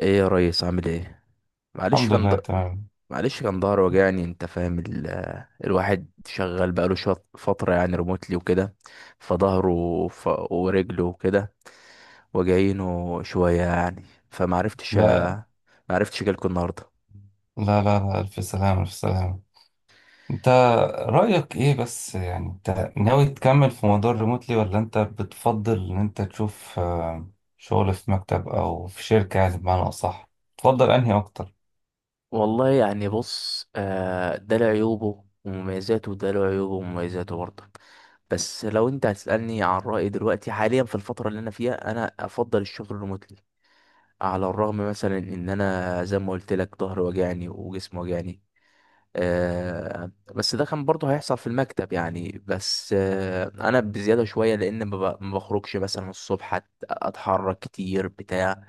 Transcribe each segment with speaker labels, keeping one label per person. Speaker 1: ايه يا ريس، عامل ايه؟ معلش
Speaker 2: الحمد
Speaker 1: كان د...
Speaker 2: لله، تمام.
Speaker 1: معلش كان ظهر وجعني. انت فاهم الواحد شغال بقاله شويه فتره، يعني ريموتلي وكده. فظهره ورجله وكده، وجعينه شويه يعني. فمعرفتش
Speaker 2: لا
Speaker 1: أ... معرفتش اجيلكوا النهارده.
Speaker 2: لا لا لا، ألف سلامة ألف سلامة. انت رأيك ايه بس؟ يعني انت ناوي تكمل في موضوع الريموتلي ولا انت بتفضل ان انت تشوف شغل في مكتب او في شركة؟ يعني بمعنى اصح تفضل انهي اكتر؟
Speaker 1: والله يعني بص، ده له عيوبه ومميزاته، وده له عيوبه ومميزاته برضه. بس لو انت هتسألني عن رأيي دلوقتي حاليا في الفترة اللي انا فيها، انا افضل الشغل ريموتلي. على الرغم مثلا ان انا زي ما قلت لك ظهري وجعني وجسمي وجعني. بس ده كان برضه هيحصل في المكتب يعني. بس انا بزياده شويه، لان ما بخرجش مثلا الصبح، اتحرك كتير بتاع.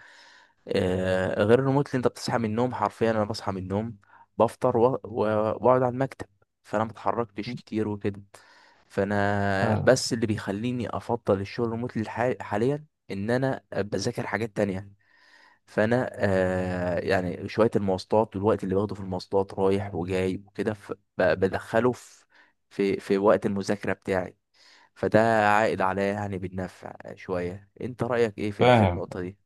Speaker 1: غير الريموت، اللي انت بتصحى من النوم حرفيا. انا بصحى من النوم، بفطر واقعد على المكتب. فانا ما اتحركتش كتير وكده. فانا
Speaker 2: آه،
Speaker 1: بس اللي بيخليني افضل الشغل الريموت حاليا ان انا بذاكر حاجات تانية. فانا يعني شويه المواصلات، والوقت اللي باخده في المواصلات رايح وجاي وكده. بدخله في في وقت المذاكره بتاعي. فده عائد عليا يعني بالنفع شويه. انت رايك ايه في في
Speaker 2: فاهم.
Speaker 1: النقطه دي؟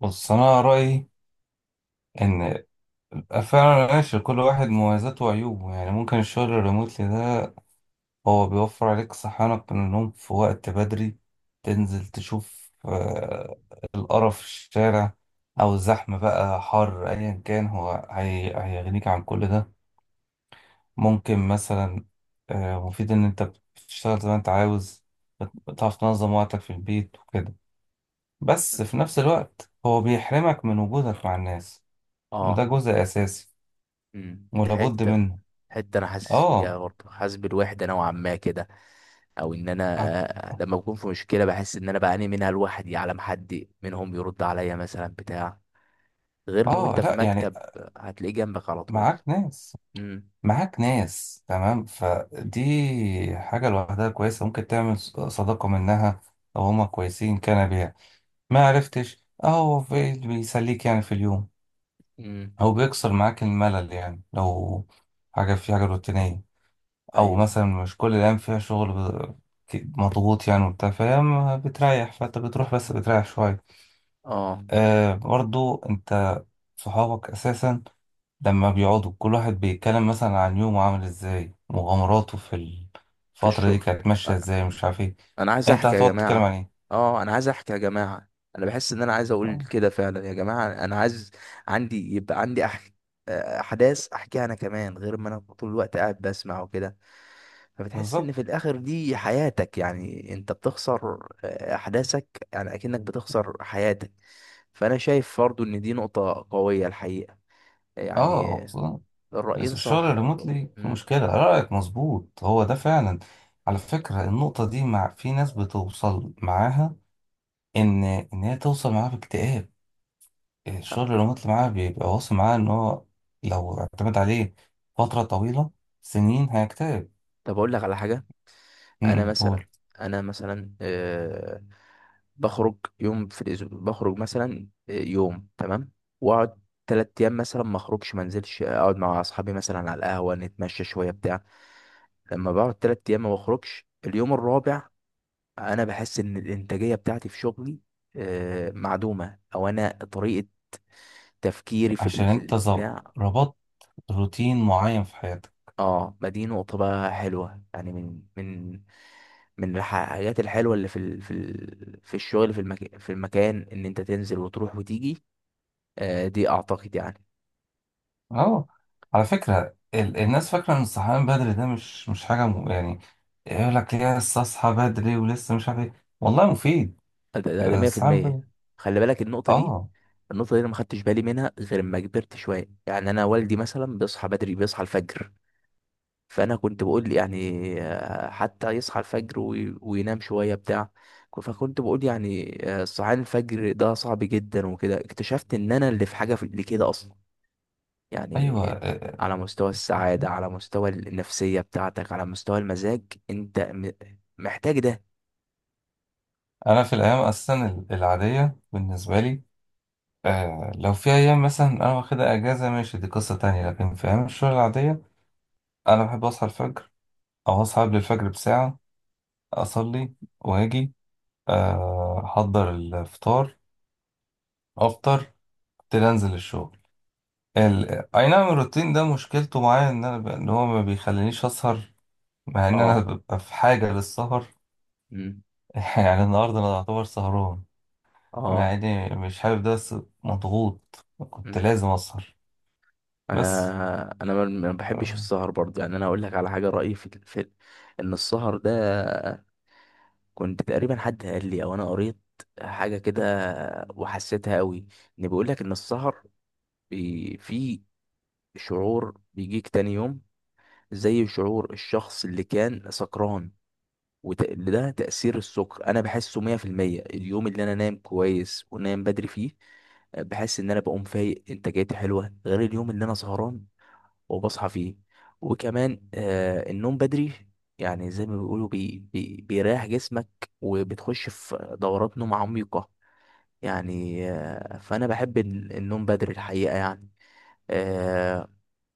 Speaker 2: بص، انا رأيي ان فعلا ماشي، كل واحد مميزاته وعيوبه. يعني ممكن الشغل الريموتلي ده هو بيوفر عليك صحيانك من النوم في وقت بدري، تنزل تشوف القرف في الشارع أو الزحمة، بقى حر أيا كان، هو هيغنيك عن كل ده. ممكن مثلا مفيد إن أنت بتشتغل زي ما أنت عاوز، بتعرف تنظم وقتك في البيت وكده. بس في نفس الوقت هو بيحرمك من وجودك مع الناس، وده
Speaker 1: اه.
Speaker 2: جزء أساسي
Speaker 1: دي
Speaker 2: ولابد
Speaker 1: حته
Speaker 2: منه.
Speaker 1: حته انا حاسس
Speaker 2: آه.
Speaker 1: بيها برضه، حاسس بالوحده نوعا ما كده. او ان انا،
Speaker 2: هت-
Speaker 1: لما بكون في مشكله، بحس ان انا بعاني منها لوحدي على ما حد منهم يرد عليا مثلا بتاع. غير لو
Speaker 2: آه،
Speaker 1: انت في
Speaker 2: لأ يعني
Speaker 1: مكتب، هتلاقيه جنبك على طول.
Speaker 2: معاك ناس،
Speaker 1: امم.
Speaker 2: معاك ناس، تمام. فدي حاجة لوحدها كويسة، ممكن تعمل صداقة منها أو هما كويسين كان بيها. ما عرفتش أهو اللي بيسليك يعني في اليوم
Speaker 1: امم.
Speaker 2: أو بيكسر معاك الملل، يعني لو حاجة، في حاجة روتينية أو
Speaker 1: ايوه.
Speaker 2: مثلا مش كل الأيام فيها شغل مضغوط يعني وبتاع، فاهم، بتريح، فأنت بتروح بس بتريح شوية.
Speaker 1: اه،
Speaker 2: آه، برضو أنت صحابك أساسا لما بيقعدوا كل واحد بيتكلم مثلا عن يومه عامل ازاي، مغامراته في
Speaker 1: في
Speaker 2: الفترة دي
Speaker 1: الشغل،
Speaker 2: كانت ماشية ازاي، مش عارف ايه.
Speaker 1: انا عايز
Speaker 2: انت
Speaker 1: احكي يا
Speaker 2: هتقعد تتكلم
Speaker 1: جماعه.
Speaker 2: عن ايه؟
Speaker 1: اه، انا عايز احكي يا جماعه. انا بحس ان انا عايز اقول
Speaker 2: آه،
Speaker 1: كده فعلا يا جماعه. انا عايز، عندي، يبقى عندي احداث احكيها انا كمان، غير ما انا طول الوقت قاعد بسمع وكده. فبتحس ان
Speaker 2: بالظبط.
Speaker 1: في الاخر دي حياتك. يعني انت بتخسر، احداثك، يعني اكنك بتخسر حياتك. فانا شايف برضو ان دي نقطه قويه الحقيقه،
Speaker 2: اه،
Speaker 1: يعني.
Speaker 2: خصوصاً
Speaker 1: الرايين
Speaker 2: الشغل
Speaker 1: صح يا طب.
Speaker 2: الريموتلي في
Speaker 1: مم.
Speaker 2: مشكلة، رأيك مظبوط، هو ده فعلا. على فكرة النقطة دي مع في ناس بتوصل معاها ان هي توصل معاها باكتئاب، الشغل الريموتلي معاها بيبقى واصل معاها ان هو لو اعتمد عليه فترة طويلة سنين هيكتئب.
Speaker 1: طب اقول لك على حاجه.
Speaker 2: م-
Speaker 1: انا
Speaker 2: م،
Speaker 1: مثلا،
Speaker 2: قول.
Speaker 1: انا مثلا، بخرج يوم في الاسبوع، بخرج مثلا يوم، تمام. واقعد تلات ايام مثلا ما اخرجش، ما انزلش، اقعد مع اصحابي مثلا على القهوه، نتمشى شويه بتاع. لما بقعد تلات ايام ما بخرجش، اليوم الرابع انا بحس ان الانتاجيه بتاعتي في شغلي معدومه، او انا طريقه تفكيري في
Speaker 2: عشان
Speaker 1: في
Speaker 2: انت
Speaker 1: البتاع.
Speaker 2: ربطت روتين معين في حياتك.
Speaker 1: اه، ما دي نقطة بقى حلوة. يعني من من الحاجات الحلوة اللي في الشغل، في المكان ان انت تنزل وتروح وتيجي. دي اعتقد يعني.
Speaker 2: اه، على فكرة الناس فاكرة ان الصحيان بدري ده مش حاجة يعني يقول لك لسه اصحى بدري ولسه مش عارف ايه. والله مفيد
Speaker 1: ده
Speaker 2: الصحيان
Speaker 1: 100%.
Speaker 2: بدري.
Speaker 1: خلي بالك
Speaker 2: اه.
Speaker 1: النقطة دي انا ما خدتش بالي منها غير لما كبرت شوية. يعني انا والدي مثلا بيصحى بدري، بيصحى الفجر. فانا كنت بقول يعني حتى يصحى الفجر وينام شويه بتاع. فكنت بقول يعني صحيان الفجر ده صعب جدا وكده. اكتشفت ان انا اللي في حاجه في اللي كده اصلا، يعني.
Speaker 2: ايوه.
Speaker 1: انت
Speaker 2: آه.
Speaker 1: على مستوى
Speaker 2: آه.
Speaker 1: السعاده، على مستوى النفسيه بتاعتك، على مستوى المزاج، انت محتاج ده.
Speaker 2: انا في الايام اصلا العادية بالنسبة لي، آه لو في ايام مثلا انا واخدها اجازة ماشي، دي قصة تانية، لكن في ايام الشغل العادية انا بحب اصحى الفجر او اصحى قبل الفجر بساعة، اصلي واجي احضر الفطار، افطر، ابتدي انزل الشغل. اي نعم، الروتين ده مشكلته معايا ان ان هو ما بيخلينيش اسهر مع ان انا
Speaker 1: اه.
Speaker 2: ببقى في حاجه للسهر.
Speaker 1: مم.
Speaker 2: يعني النهارده انا اعتبر سهران مع
Speaker 1: اه.
Speaker 2: اني مش حابب ده، بس مضغوط كنت
Speaker 1: مم.
Speaker 2: لازم اسهر. بس
Speaker 1: انا ما بحبش
Speaker 2: آه،
Speaker 1: السهر برضه، يعني. انا اقول لك على حاجه، رايي في ان السهر ده، كنت تقريبا حد قال لي او انا قريت حاجه كده وحسيتها قوي. ان بيقول لك ان السهر في شعور بيجيك تاني يوم زي شعور الشخص اللي كان سكران. وده تأثير السكر، انا بحسه 100%. اليوم اللي انا نايم كويس ونايم بدري فيه، بحس ان انا بقوم فايق، انتاجيتي حلوه، غير اليوم اللي انا سهران وبصحى فيه. وكمان النوم بدري، يعني زي ما بيقولوا، بي بيريح جسمك وبتخش في دورات نوم عميقة يعني. فأنا بحب النوم بدري، الحقيقة يعني. آه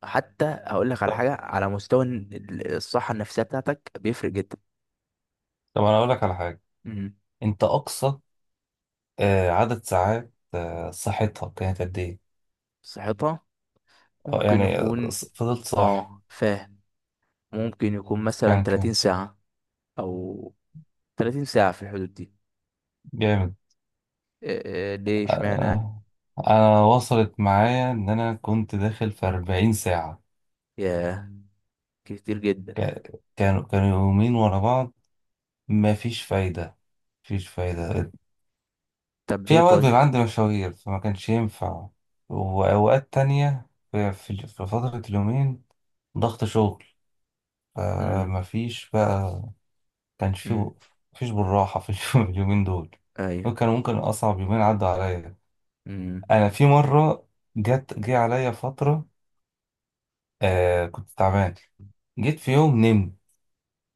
Speaker 1: حتى هقول لك على
Speaker 2: طب،
Speaker 1: حاجة، على مستوى الصحة النفسية بتاعتك بيفرق جدا.
Speaker 2: طب انا اقول لك على حاجه.
Speaker 1: مم.
Speaker 2: انت اقصى عدد ساعات صحتها كانت قد ايه؟
Speaker 1: صحتها ممكن
Speaker 2: يعني
Speaker 1: يكون،
Speaker 2: فضلت صاحي،
Speaker 1: اه فاهم، ممكن يكون مثلا
Speaker 2: كان كام؟
Speaker 1: 30 ساعة، أو 30 ساعة، في الحدود دي.
Speaker 2: جامد.
Speaker 1: ليه اشمعنى يعني؟
Speaker 2: آه، انا وصلت معايا ان انا كنت داخل في 40 ساعة.
Speaker 1: ياه، كتير جدا.
Speaker 2: كانوا يومين ورا بعض، مفيش فايدة، مفيش فايدة.
Speaker 1: طب ليه
Speaker 2: في اوقات بيبقى
Speaker 1: طيب؟
Speaker 2: عندي مشاوير فما كانش ينفع، واوقات تانية في في فترة اليومين ضغط شغل،
Speaker 1: مم.
Speaker 2: فمفيش بقى كانش في،
Speaker 1: مم.
Speaker 2: مفيش بالراحة في اليومين دول. دول
Speaker 1: ايوه.
Speaker 2: كانوا ممكن اصعب يومين عدوا عليا.
Speaker 1: مم.
Speaker 2: انا في مرة جه عليا فترة، آه كنت تعبان. جيت في يوم نمت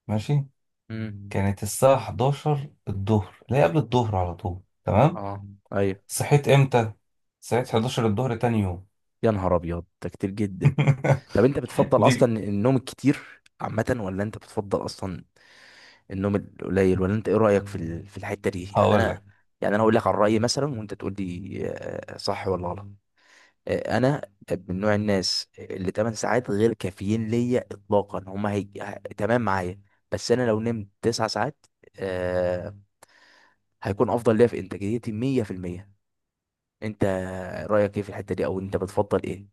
Speaker 2: ماشي،
Speaker 1: مم.
Speaker 2: كانت الساعة 11 الظهر لا قبل الظهر، على طول، تمام.
Speaker 1: اه. ايوه.
Speaker 2: صحيت امتى؟ صحيت
Speaker 1: مم.
Speaker 2: 11 الظهر تاني يوم.
Speaker 1: يا نهار ابيض، ده كتير جدا. طب انت بتفضل
Speaker 2: دي
Speaker 1: اصلا النوم الكتير عامه، ولا انت بتفضل اصلا النوم القليل؟ ولا انت ايه رايك في في الحته دي؟ يعني
Speaker 2: هقول لك.
Speaker 1: انا، يعني انا اقول لك عن رايي مثلا، وانت تقول لي صح ولا غلط. انا من نوع الناس اللي 8 ساعات غير كافيين ليا اطلاقا، هما تمام معايا. بس انا لو نمت 9 ساعات، آه، هيكون افضل ليا في انتاجيتي 100%. انت رايك ايه في الحته دي، او انت بتفضل ايه؟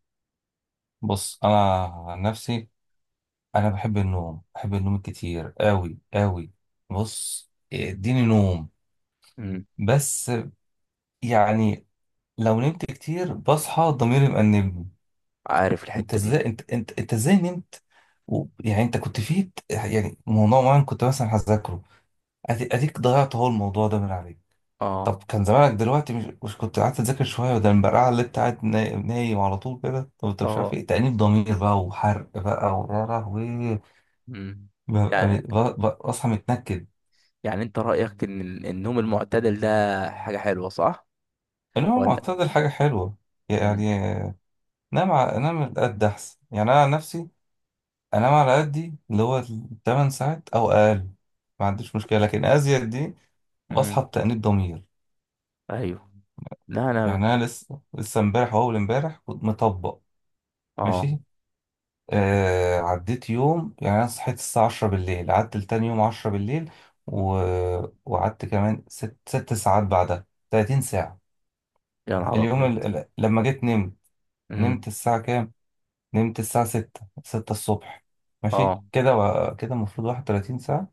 Speaker 2: بص، انا عن نفسي انا بحب النوم، بحب النوم كتير قوي قوي. بص اديني نوم،
Speaker 1: امم.
Speaker 2: بس يعني لو نمت كتير بصحى ضميري مأنبني.
Speaker 1: عارف
Speaker 2: انت
Speaker 1: الحته دي.
Speaker 2: ازاي؟ انت ازاي نمت و... يعني انت كنت فيه، يعني موضوع معين كنت مثلا هذاكره، اديك ضيعت اهو الموضوع ده من عليك. طب
Speaker 1: اه.
Speaker 2: كان زمانك دلوقتي مش كنت قعدت تذاكر شويه، وده البرقعه اللي انت قاعد نايم على طول كده. طب انت مش عارف
Speaker 1: اه.
Speaker 2: ايه تأنيب ضمير بقى وحرق بقى ويا لهوي.
Speaker 1: امم.
Speaker 2: ببقى
Speaker 1: يعني،
Speaker 2: بصحى متنكد.
Speaker 1: انت رايك ان النوم المعتدل ده حاجه حلوه، صح
Speaker 2: انما
Speaker 1: ولا؟
Speaker 2: المعتدل حاجه حلوه، يعني
Speaker 1: امم.
Speaker 2: نام على قد احسن. يعني انا عن نفسي انام على قدي اللي هو 8 ساعات او اقل، ما عنديش مشكله، لكن ازيد دي بصحى
Speaker 1: امم.
Speaker 2: بتأنيب ضمير.
Speaker 1: ايوه. لا انا.
Speaker 2: يعني انا لسه امبارح واول امبارح كنت مطبق
Speaker 1: اه.
Speaker 2: ماشي. آه، عديت يوم، يعني أنا صحيت الساعة 10 بالليل، قعدت لتاني يوم 10 بالليل و... وقعدت كمان 6 ساعات بعدها، 30 ساعة.
Speaker 1: يا نهار
Speaker 2: اليوم
Speaker 1: ابيض.
Speaker 2: لما جيت نمت، نمت
Speaker 1: امم.
Speaker 2: الساعة كام؟ نمت الساعة 6، 6 الصبح ماشي
Speaker 1: اه.
Speaker 2: كده، و... كده المفروض 31 ساعة،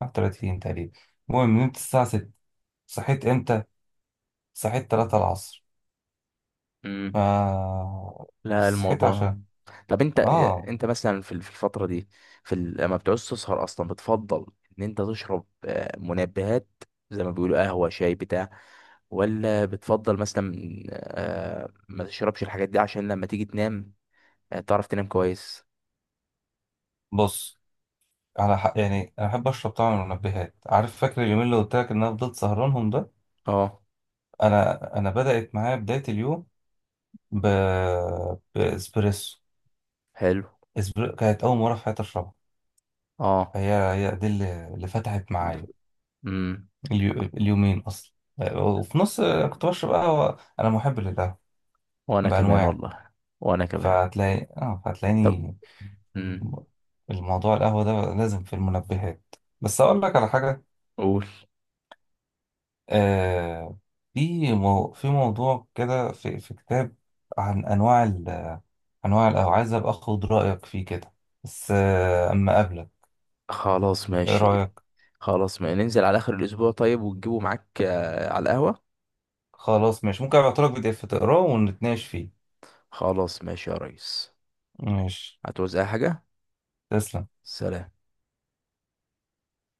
Speaker 2: 31 تقريبا. المهم نمت الساعة 6، صحيت امتى؟ صحيت 3 العصر.
Speaker 1: امم.
Speaker 2: آه...
Speaker 1: لا
Speaker 2: صحيت
Speaker 1: الموضوع.
Speaker 2: عشان
Speaker 1: طب انت،
Speaker 2: اه.
Speaker 1: انت مثلا في في الفتره دي، في لما بتعوز تسهر اصلا، بتفضل ان انت تشرب منبهات، زي ما بيقولوا قهوه، شاي، بتاع؟ ولا بتفضل مثلا ما تشربش الحاجات دي عشان لما تيجي تنام تعرف تنام كويس؟
Speaker 2: بص، على حق، يعني انا بحب اشرب طبعا من المنبهات، عارف، فاكر اليومين اللي قلت لك ان انا فضلت سهرانهم ده،
Speaker 1: اه،
Speaker 2: انا بدات معايا بدايه اليوم ب... باسبريسو.
Speaker 1: حلو.
Speaker 2: كانت اول مره في حياتي اشربها،
Speaker 1: اه.
Speaker 2: هي دي اللي فتحت معايا
Speaker 1: امم.
Speaker 2: اليومين اصلا. وفي نص كنت بشرب قهوه، انا محب للقهوه
Speaker 1: وانا كمان
Speaker 2: بانواع.
Speaker 1: والله. وانا كمان.
Speaker 2: فهتلاقي اه،
Speaker 1: طب،
Speaker 2: فهتلاقيني
Speaker 1: امم،
Speaker 2: الموضوع القهوه ده لازم في المنبهات. بس اقول لك على حاجه.
Speaker 1: قول.
Speaker 2: آه، في موضوع كده، في كتاب عن انواع انواع القهوه، عايز ابقى اخد رايك فيه كده، بس اما قبلك،
Speaker 1: خلاص
Speaker 2: ايه
Speaker 1: ماشي.
Speaker 2: رايك؟
Speaker 1: خلاص، ما ننزل على اخر الاسبوع طيب، وتجيبه معاك على القهوه.
Speaker 2: خلاص ماشي، ممكن ابعتلك بي دي اف تقراه ونتناقش فيه.
Speaker 1: خلاص ماشي يا ريس.
Speaker 2: ماشي،
Speaker 1: هتعوز اي حاجة؟
Speaker 2: تسلم.
Speaker 1: سلام.